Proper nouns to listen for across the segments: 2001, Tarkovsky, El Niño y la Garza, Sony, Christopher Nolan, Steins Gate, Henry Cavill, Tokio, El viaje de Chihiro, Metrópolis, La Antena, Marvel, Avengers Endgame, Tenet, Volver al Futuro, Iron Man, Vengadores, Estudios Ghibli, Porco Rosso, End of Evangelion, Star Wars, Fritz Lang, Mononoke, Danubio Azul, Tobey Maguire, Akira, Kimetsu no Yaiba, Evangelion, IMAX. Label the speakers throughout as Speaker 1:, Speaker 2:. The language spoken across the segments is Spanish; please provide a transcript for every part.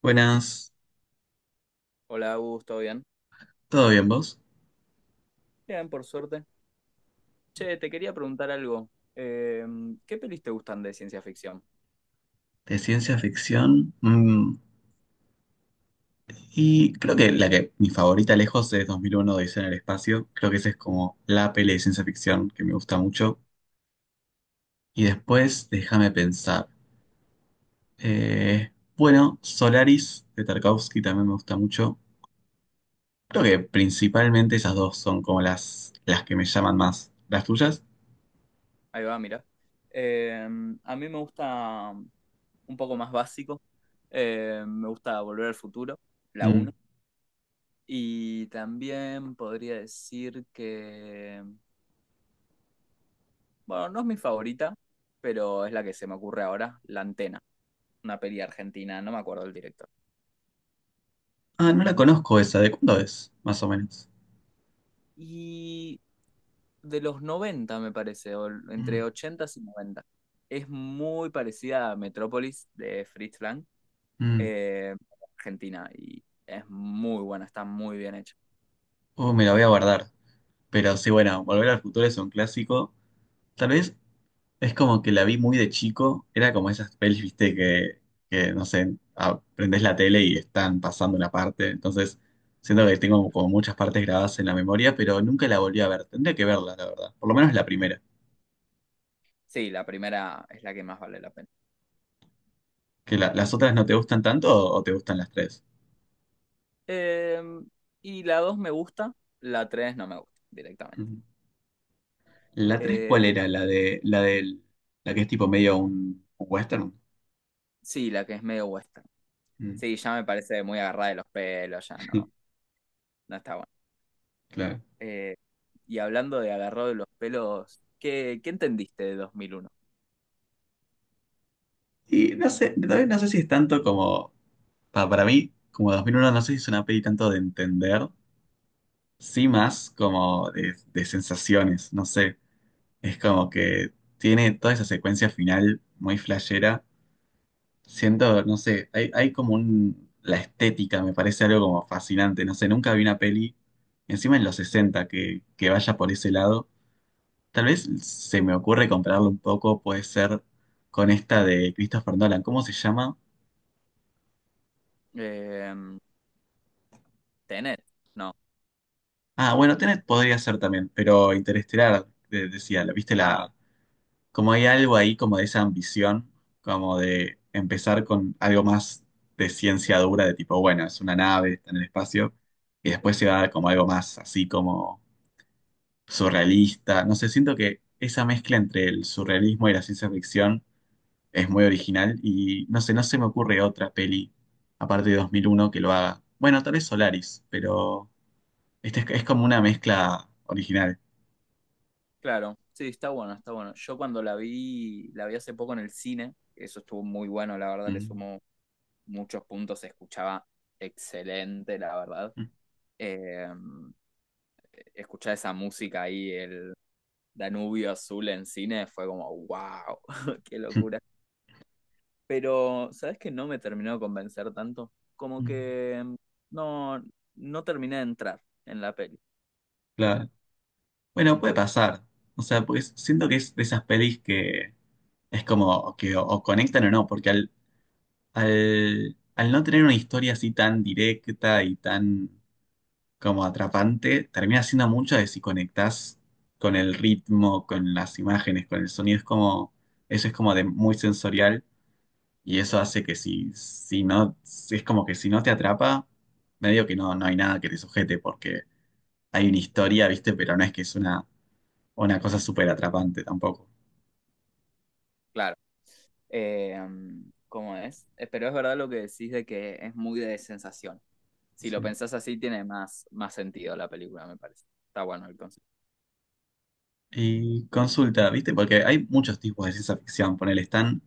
Speaker 1: Buenas,
Speaker 2: Hola, Augusto, ¿todo bien?
Speaker 1: ¿todo bien vos?
Speaker 2: Bien, por suerte. Che, te quería preguntar algo. Eh, ¿Qué pelis te gustan de ciencia ficción?
Speaker 1: De ciencia ficción. Y creo que la que mi favorita lejos es 2001 Odisea en el espacio. Creo que esa es como la peli de ciencia ficción que me gusta mucho. Y después, déjame pensar. eh, bueno, Solaris de Tarkovsky también me gusta mucho. Creo que principalmente esas dos son como las que me llaman más. ¿Las tuyas?
Speaker 2: Ahí va, mira. Eh, a mí me gusta un poco más básico. Me gusta Volver al Futuro, la
Speaker 1: Mm.
Speaker 2: 1. Y también podría decir que, bueno, no es mi favorita, pero es la que se me ocurre ahora, La Antena, una peli argentina, no me acuerdo del director.
Speaker 1: Ah, no la conozco esa. ¿De cuándo es? Más o menos.
Speaker 2: Y de los 90 me parece, o entre
Speaker 1: Mm,
Speaker 2: 80 y noventa. Es muy parecida a Metrópolis de Fritz Lang,
Speaker 1: mm.
Speaker 2: eh, Argentina, y es muy buena, está muy bien hecha.
Speaker 1: Me la voy a guardar. Pero sí, bueno, Volver al Futuro es un clásico. Tal vez es como que la vi muy de chico. Era como esas pelis, viste, que no sé, aprendés la tele y están pasando una parte. Entonces, siento que tengo como muchas partes grabadas en la memoria, pero nunca la volví a ver. Tendría que verla, la verdad. Por lo menos la primera.
Speaker 2: Sí, la primera es la que más vale la pena.
Speaker 1: Que las otras no te gustan tanto o te gustan las tres.
Speaker 2: Eh, y la 2 me gusta, la 3 no me gusta directamente.
Speaker 1: Ujú. ¿La tres cuál
Speaker 2: Eh,
Speaker 1: era? La de, la del, la que es tipo medio un western.
Speaker 2: sí, la que es medio western.
Speaker 1: Mm.
Speaker 2: Sí, ya me parece muy agarrada de los pelos, ya no, no está bueno.
Speaker 1: Claro.
Speaker 2: Eh, y hablando de agarrado de los pelos, ¿qué entendiste de 2001?
Speaker 1: Y no sé, también no sé si es tanto como, para mí, como 2001 no sé si es una peli tanto de entender, sí más como de sensaciones, no sé, es como que tiene toda esa secuencia final muy flashera, siento, no sé, hay como un, la estética me parece algo como fascinante, no sé, nunca vi una peli, encima en los 60 que vaya por ese lado, tal vez se me ocurre compararlo un poco, puede ser con esta de Christopher Nolan, ¿cómo se llama?
Speaker 2: Eh, Tenet, no.
Speaker 1: Ah, bueno, Tenet podría ser también, pero Interestelar, decía, viste
Speaker 2: Ah,
Speaker 1: la, como hay algo ahí como de esa ambición, como de empezar con algo más de ciencia dura, de tipo, bueno, es una nave, está en el espacio, y después se va como algo más así como surrealista. No sé, siento que esa mezcla entre el surrealismo y la ciencia ficción es muy original y no sé, no se me ocurre otra peli, aparte de 2001 que lo haga. Bueno, tal vez Solaris, pero este es como una mezcla original.
Speaker 2: claro. Sí, está bueno, está bueno. Yo cuando la vi hace poco en el cine, eso estuvo muy bueno, la verdad, le
Speaker 1: Mm,
Speaker 2: sumó muchos puntos, se escuchaba excelente, la verdad.
Speaker 1: mm,
Speaker 2: Eh, Escuchar esa música ahí, el Danubio Azul en cine, fue como, wow, qué
Speaker 1: mm,
Speaker 2: locura. Pero, ¿sabes qué? No me terminó de convencer tanto. Como
Speaker 1: mm.
Speaker 2: que mm, no, no terminé de entrar en la peli.
Speaker 1: Claro. Bueno, puede pasar. O sea, pues siento que es de esas pelis que es como que o conectan o no, porque al, al no tener una historia así tan directa y tan como atrapante, termina siendo mucho de si conectás con el ritmo, con las imágenes, con el sonido. Es como, eso es como de muy sensorial y eso hace que si no, es como que si no te atrapa, medio que no, no hay nada que te sujete porque hay una historia, ¿viste? Pero no es que es una cosa súper atrapante tampoco.
Speaker 2: Claro. Eh, ¿cómo es? Pero es verdad lo que decís de que es muy de sensación. Si lo
Speaker 1: Sí.
Speaker 2: pensás así, tiene más, más sentido la película, me parece. Está bueno el concepto.
Speaker 1: Y consulta, ¿viste? Porque hay muchos tipos de ciencia ficción. Ponele, están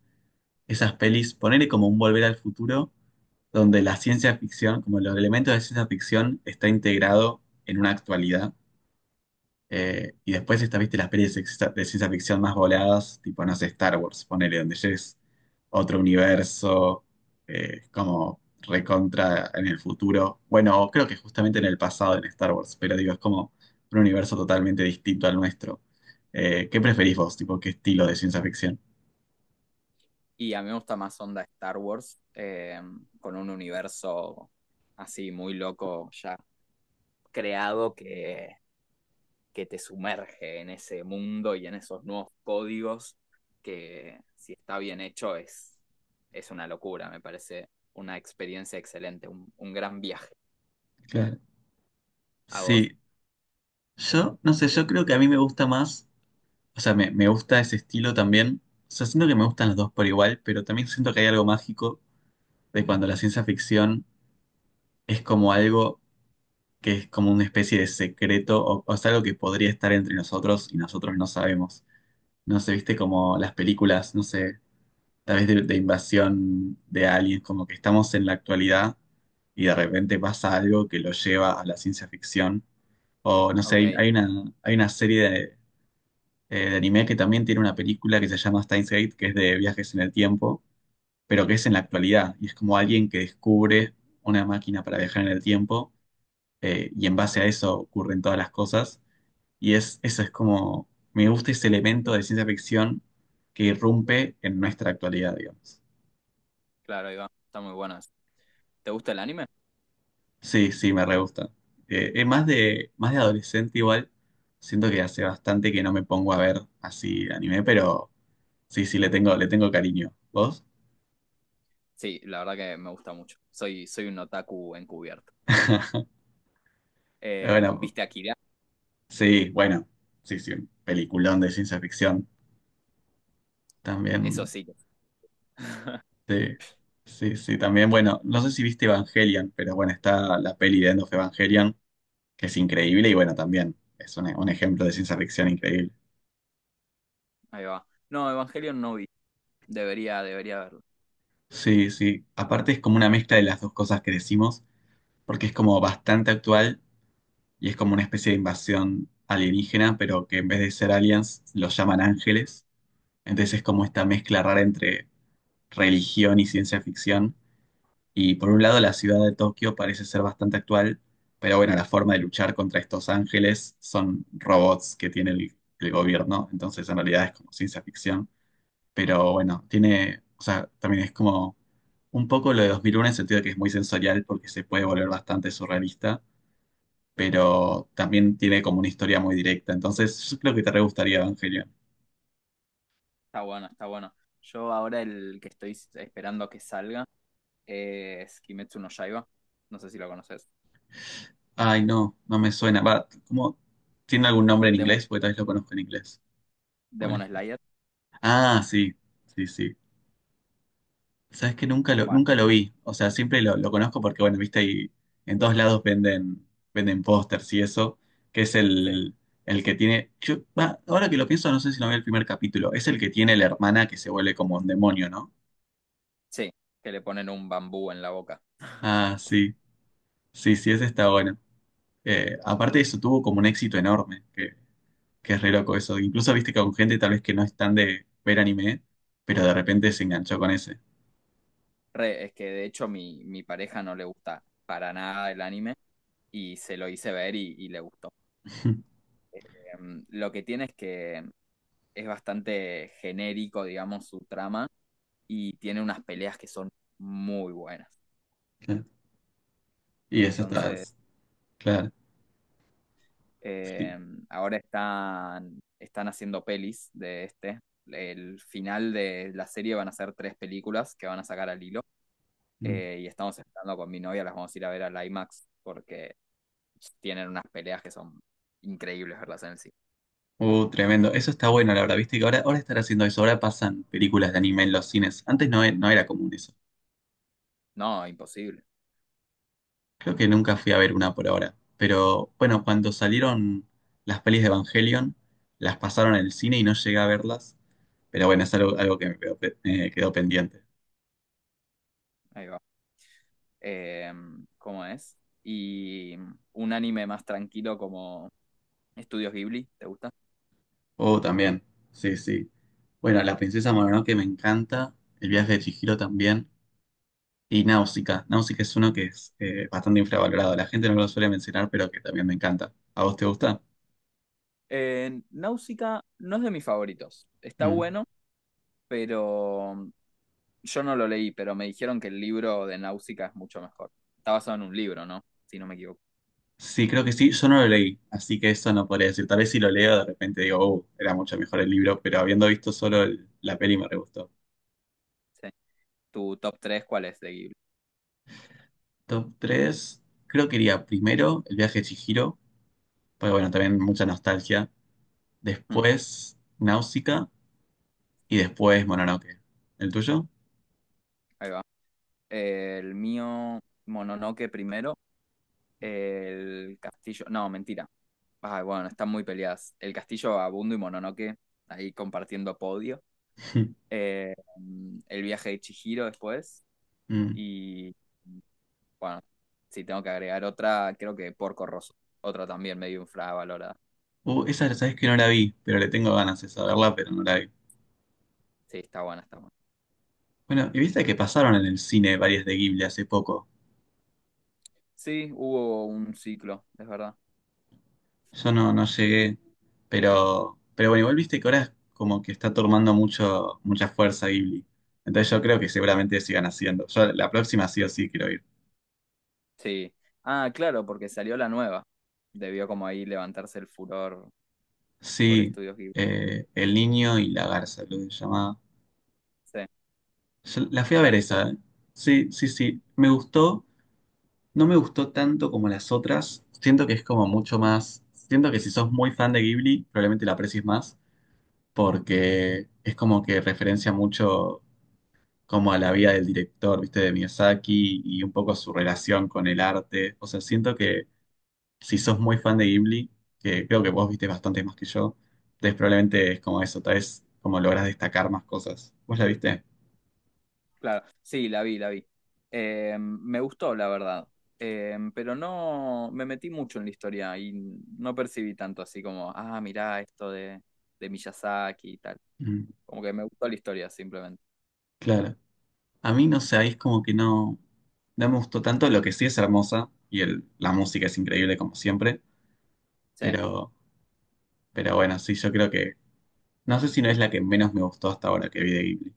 Speaker 1: esas pelis, ponele como un Volver al Futuro, donde la ciencia ficción, como los elementos de ciencia ficción, está integrado en una actualidad. Y después está, viste, las pelis de ciencia ficción más voladas, tipo, no sé, Star Wars, ponele, donde ya es otro universo, como recontra en el futuro. Bueno, creo que justamente en el pasado en Star Wars, pero digo, es como un universo totalmente distinto al nuestro. ¿Qué preferís vos? Tipo, ¿qué estilo de ciencia ficción?
Speaker 2: Y a mí me gusta más onda Star Wars, con un universo así muy loco ya creado que te sumerge en ese mundo y en esos nuevos códigos que si está bien hecho es una locura, me parece una experiencia excelente, un gran viaje.
Speaker 1: Claro.
Speaker 2: ¿A vos?
Speaker 1: Sí, yo no sé, yo creo que a mí me gusta más, o sea, me gusta ese estilo también. O sea, siento que me gustan los dos por igual, pero también siento que hay algo mágico de cuando la ciencia ficción es como algo que es como una especie de secreto o es algo que podría estar entre nosotros y nosotros no sabemos. No sé, viste como las películas, no sé, tal vez de invasión de aliens, como que estamos en la actualidad y de repente pasa algo que lo lleva a la ciencia ficción. O no sé,
Speaker 2: Ok.
Speaker 1: hay, hay una serie de anime que también tiene una película que se llama Steins Gate, que es de viajes en el tiempo, pero que es en la actualidad y es como alguien que descubre una máquina para viajar en el tiempo y en base a eso ocurren todas las cosas. Y es, eso es como, me gusta ese elemento de ciencia ficción que irrumpe en nuestra actualidad, digamos.
Speaker 2: Claro, ahí va. Están muy buenas. ¿Te gusta el anime?
Speaker 1: Sí, sí, me re gusta. Es más de adolescente igual, siento que hace bastante que no me pongo a ver así anime, pero sí, sí, le tengo cariño. ¿Vos?
Speaker 2: Sí, la verdad que me gusta mucho. Soy un otaku encubierto.
Speaker 1: Bueno,
Speaker 2: ¿Viste Akira?
Speaker 1: sí, bueno, sí, sí, un peliculón de ciencia ficción.
Speaker 2: Eso
Speaker 1: También
Speaker 2: sí. que-
Speaker 1: sí, sí, sí, también, bueno, no sé si viste Evangelion, pero bueno, está la peli de End of Evangelion, que es increíble y bueno, también es un ejemplo de ciencia ficción increíble.
Speaker 2: Ahí va. No, Evangelion no vi. Debería verlo.
Speaker 1: Sí, sí, aparte es como una mezcla de las dos cosas que decimos, porque es como bastante actual y es como una especie de invasión alienígena, pero que en vez de ser aliens los llaman ángeles, entonces es como esta mezcla rara entre religión y ciencia ficción. Y por un lado, la ciudad de Tokio parece ser bastante actual, pero bueno, la forma de luchar contra estos ángeles son robots que tiene el gobierno, entonces en realidad es como ciencia ficción. Pero bueno, tiene, o sea, también es como un poco lo de 2001 en el sentido de que es muy sensorial porque se puede volver bastante surrealista, pero también tiene como una historia muy directa. Entonces, yo creo que te re gustaría Evangelion.
Speaker 2: Está bueno, está bueno. Yo ahora el que estoy esperando que salga es Kimetsu no Yaiba. No sé si lo conoces.
Speaker 1: Ay, no, no me suena. Va, ¿cómo? ¿Tiene algún nombre en
Speaker 2: Demon,
Speaker 1: inglés? Porque tal vez lo conozco en inglés. Bueno,
Speaker 2: Demon Slayer.
Speaker 1: ah, sí, sí, sí. Sabes que
Speaker 2: Bueno,
Speaker 1: nunca lo vi. O sea, siempre lo conozco porque, bueno, viste, ahí en todos lados venden, venden pósters y eso, que es
Speaker 2: sí,
Speaker 1: el que tiene. Yo, va, ahora que lo pienso, no sé si no vi el primer capítulo. Es el que tiene la hermana que se vuelve como un demonio, ¿no?
Speaker 2: sí. Que le ponen un bambú en la boca.
Speaker 1: Ah, sí. Sí, sí, ese está bueno. Aparte de eso, tuvo como un éxito enorme, que es re loco eso. Incluso viste que con gente tal vez que no es tan de ver anime, pero de repente se enganchó con ese.
Speaker 2: Re, es que de hecho mi pareja no le gusta para nada el anime y se lo hice ver y le gustó. Lo que tiene es que es bastante genérico, digamos, su trama y tiene unas peleas que son muy buenas.
Speaker 1: Y ese está,
Speaker 2: Entonces,
Speaker 1: claro. Sí.
Speaker 2: eh, ahora están haciendo pelis de este. El final de la serie van a ser tres películas que van a sacar al hilo. Eh, y estamos esperando con mi novia, las vamos a ir a ver al IMAX porque tienen unas peleas que son increíbles verlas en el cine.
Speaker 1: Tremendo. Eso está bueno, la verdad. Viste que ahora, ahora están haciendo eso. Ahora pasan películas de anime en los cines. Antes no, no era común eso.
Speaker 2: No, imposible.
Speaker 1: Creo que nunca fui a ver una por ahora. Pero bueno, cuando salieron las pelis de Evangelion, las pasaron en el cine y no llegué a verlas. Pero bueno, es algo, algo que me quedó, quedó pendiente.
Speaker 2: Ahí va. eh, ¿Cómo es? Y un anime más tranquilo como Estudios Ghibli, ¿te gusta?
Speaker 1: Oh, también. Sí, sí. Bueno, La Princesa Mononoke me encanta. El viaje de Chihiro también. Y Náusica. Náusica es uno que es bastante infravalorado. La gente no lo suele mencionar, pero que también me encanta. ¿A vos te gusta?
Speaker 2: Náusica no es de mis favoritos. Está
Speaker 1: Mm.
Speaker 2: bueno, pero yo no lo leí, pero me dijeron que el libro de Náusica es mucho mejor. Está basado en un libro, ¿no? Si no me equivoco.
Speaker 1: Sí, creo que sí. Yo no lo leí, así que eso no podría decir. Tal vez si lo leo, de repente digo, era mucho mejor el libro, pero habiendo visto solo la peli me re gustó.
Speaker 2: Sí. ¿Tu top 3 cuál es de Ghibli?
Speaker 1: Top 3 creo que iría primero El viaje de Chihiro, porque bueno, también mucha nostalgia.
Speaker 2: Hmm,
Speaker 1: Después Náusica y después Mononoke. ¿El tuyo?
Speaker 2: ahí va. El mío, Mononoke primero, El castillo. No, mentira. Ay, bueno, están muy peleadas. El castillo Abundo y Mononoke, ahí compartiendo podio. Eh, el viaje de Chihiro después.
Speaker 1: Mm.
Speaker 2: Y bueno, si tengo que agregar otra, creo que Porco Rosso. Otra también medio infravalorada.
Speaker 1: Esa sabes que no la vi, pero le tengo ganas de saberla, pero no la vi.
Speaker 2: Sí, está buena, está buena.
Speaker 1: Bueno, y viste que pasaron en el cine varias de Ghibli hace poco.
Speaker 2: Sí, hubo un ciclo, es verdad.
Speaker 1: Yo no, no llegué, pero bueno, igual viste que ahora es como que está tomando mucho, mucha fuerza Ghibli. Entonces yo creo que seguramente sigan haciendo. Yo la próxima sí o sí quiero ir.
Speaker 2: Sí. Ah, claro, porque salió la nueva. Debió como ahí levantarse el furor por
Speaker 1: Sí,
Speaker 2: estudios Ghibli.
Speaker 1: El Niño y la Garza, lo que se llamaba.
Speaker 2: Sí,
Speaker 1: Yo la fui a
Speaker 2: ¿la
Speaker 1: ver
Speaker 2: viste?
Speaker 1: esa, ¿eh? Sí, sí, sí. Me gustó, no me gustó tanto como las otras. Siento que es como mucho más. Siento que si sos muy fan de Ghibli, probablemente la aprecies más, porque es como que referencia mucho como a la vida del director, viste, de Miyazaki y un poco su relación con el arte. O sea, siento que si sos muy fan de Ghibli, que creo que vos viste bastante más que yo, entonces probablemente es como eso, tal vez como logras destacar más cosas. ¿Vos la viste?
Speaker 2: Claro, sí, la vi, la vi. Me gustó, la verdad. Pero no me metí mucho en la historia y no percibí tanto así como, ah, mirá esto de Miyazaki y tal.
Speaker 1: Mm,
Speaker 2: Como que me gustó la historia simplemente.
Speaker 1: claro. A mí no sé, ahí es como que no, no me gustó tanto, lo que sí es hermosa y la música es increíble como siempre,
Speaker 2: Sí,
Speaker 1: pero, pero bueno, sí, yo creo que, no sé si no es la que menos me gustó hasta ahora que vi de Ghibli.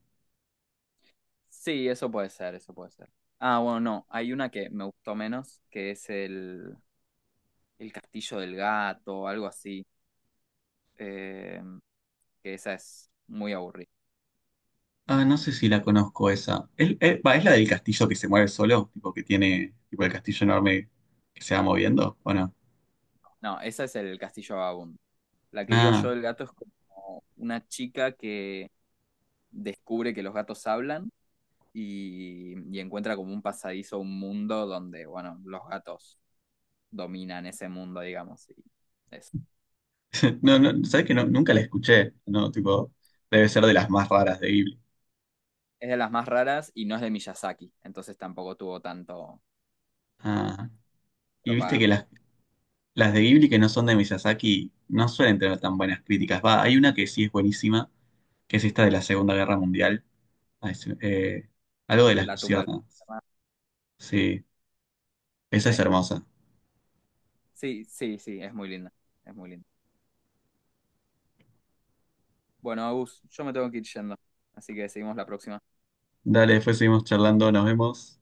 Speaker 2: sí, eso puede ser, eso puede ser. Ah, bueno, no, hay una que me gustó menos, que es el Castillo del Gato, algo así. Eh, que esa es muy aburrida.
Speaker 1: Ah, no sé si la conozco esa. ¿Es, va, ¿es la del castillo que se mueve solo? Tipo que tiene, tipo el castillo enorme que se va moviendo, ¿o no?
Speaker 2: No, esa es el Castillo Vagabundo. La que digo
Speaker 1: Ah,
Speaker 2: yo del gato es como una chica que descubre que los gatos hablan y encuentra como un pasadizo, un mundo donde, bueno, los gatos dominan ese mundo, digamos. Y es,
Speaker 1: no, no, ¿sabes que no, nunca la escuché? No, tipo, debe ser de las más raras de Ghibli.
Speaker 2: es de las más raras y no es de Miyazaki, entonces tampoco tuvo tanto
Speaker 1: Ah, y viste que
Speaker 2: propaganda.
Speaker 1: las de Ghibli que no son de Miyazaki no suelen tener tan buenas críticas. Va, hay una que sí es buenísima, que es esta de la Segunda Guerra Mundial. Ah, es, algo de las
Speaker 2: La tumba del...
Speaker 1: luciérnagas. Sí, esa
Speaker 2: Sí,
Speaker 1: es hermosa.
Speaker 2: sí, sí, sí, es muy linda, es muy linda. Bueno, Agus, yo me tengo que ir yendo, así que seguimos la próxima.
Speaker 1: Dale, después seguimos charlando, nos vemos.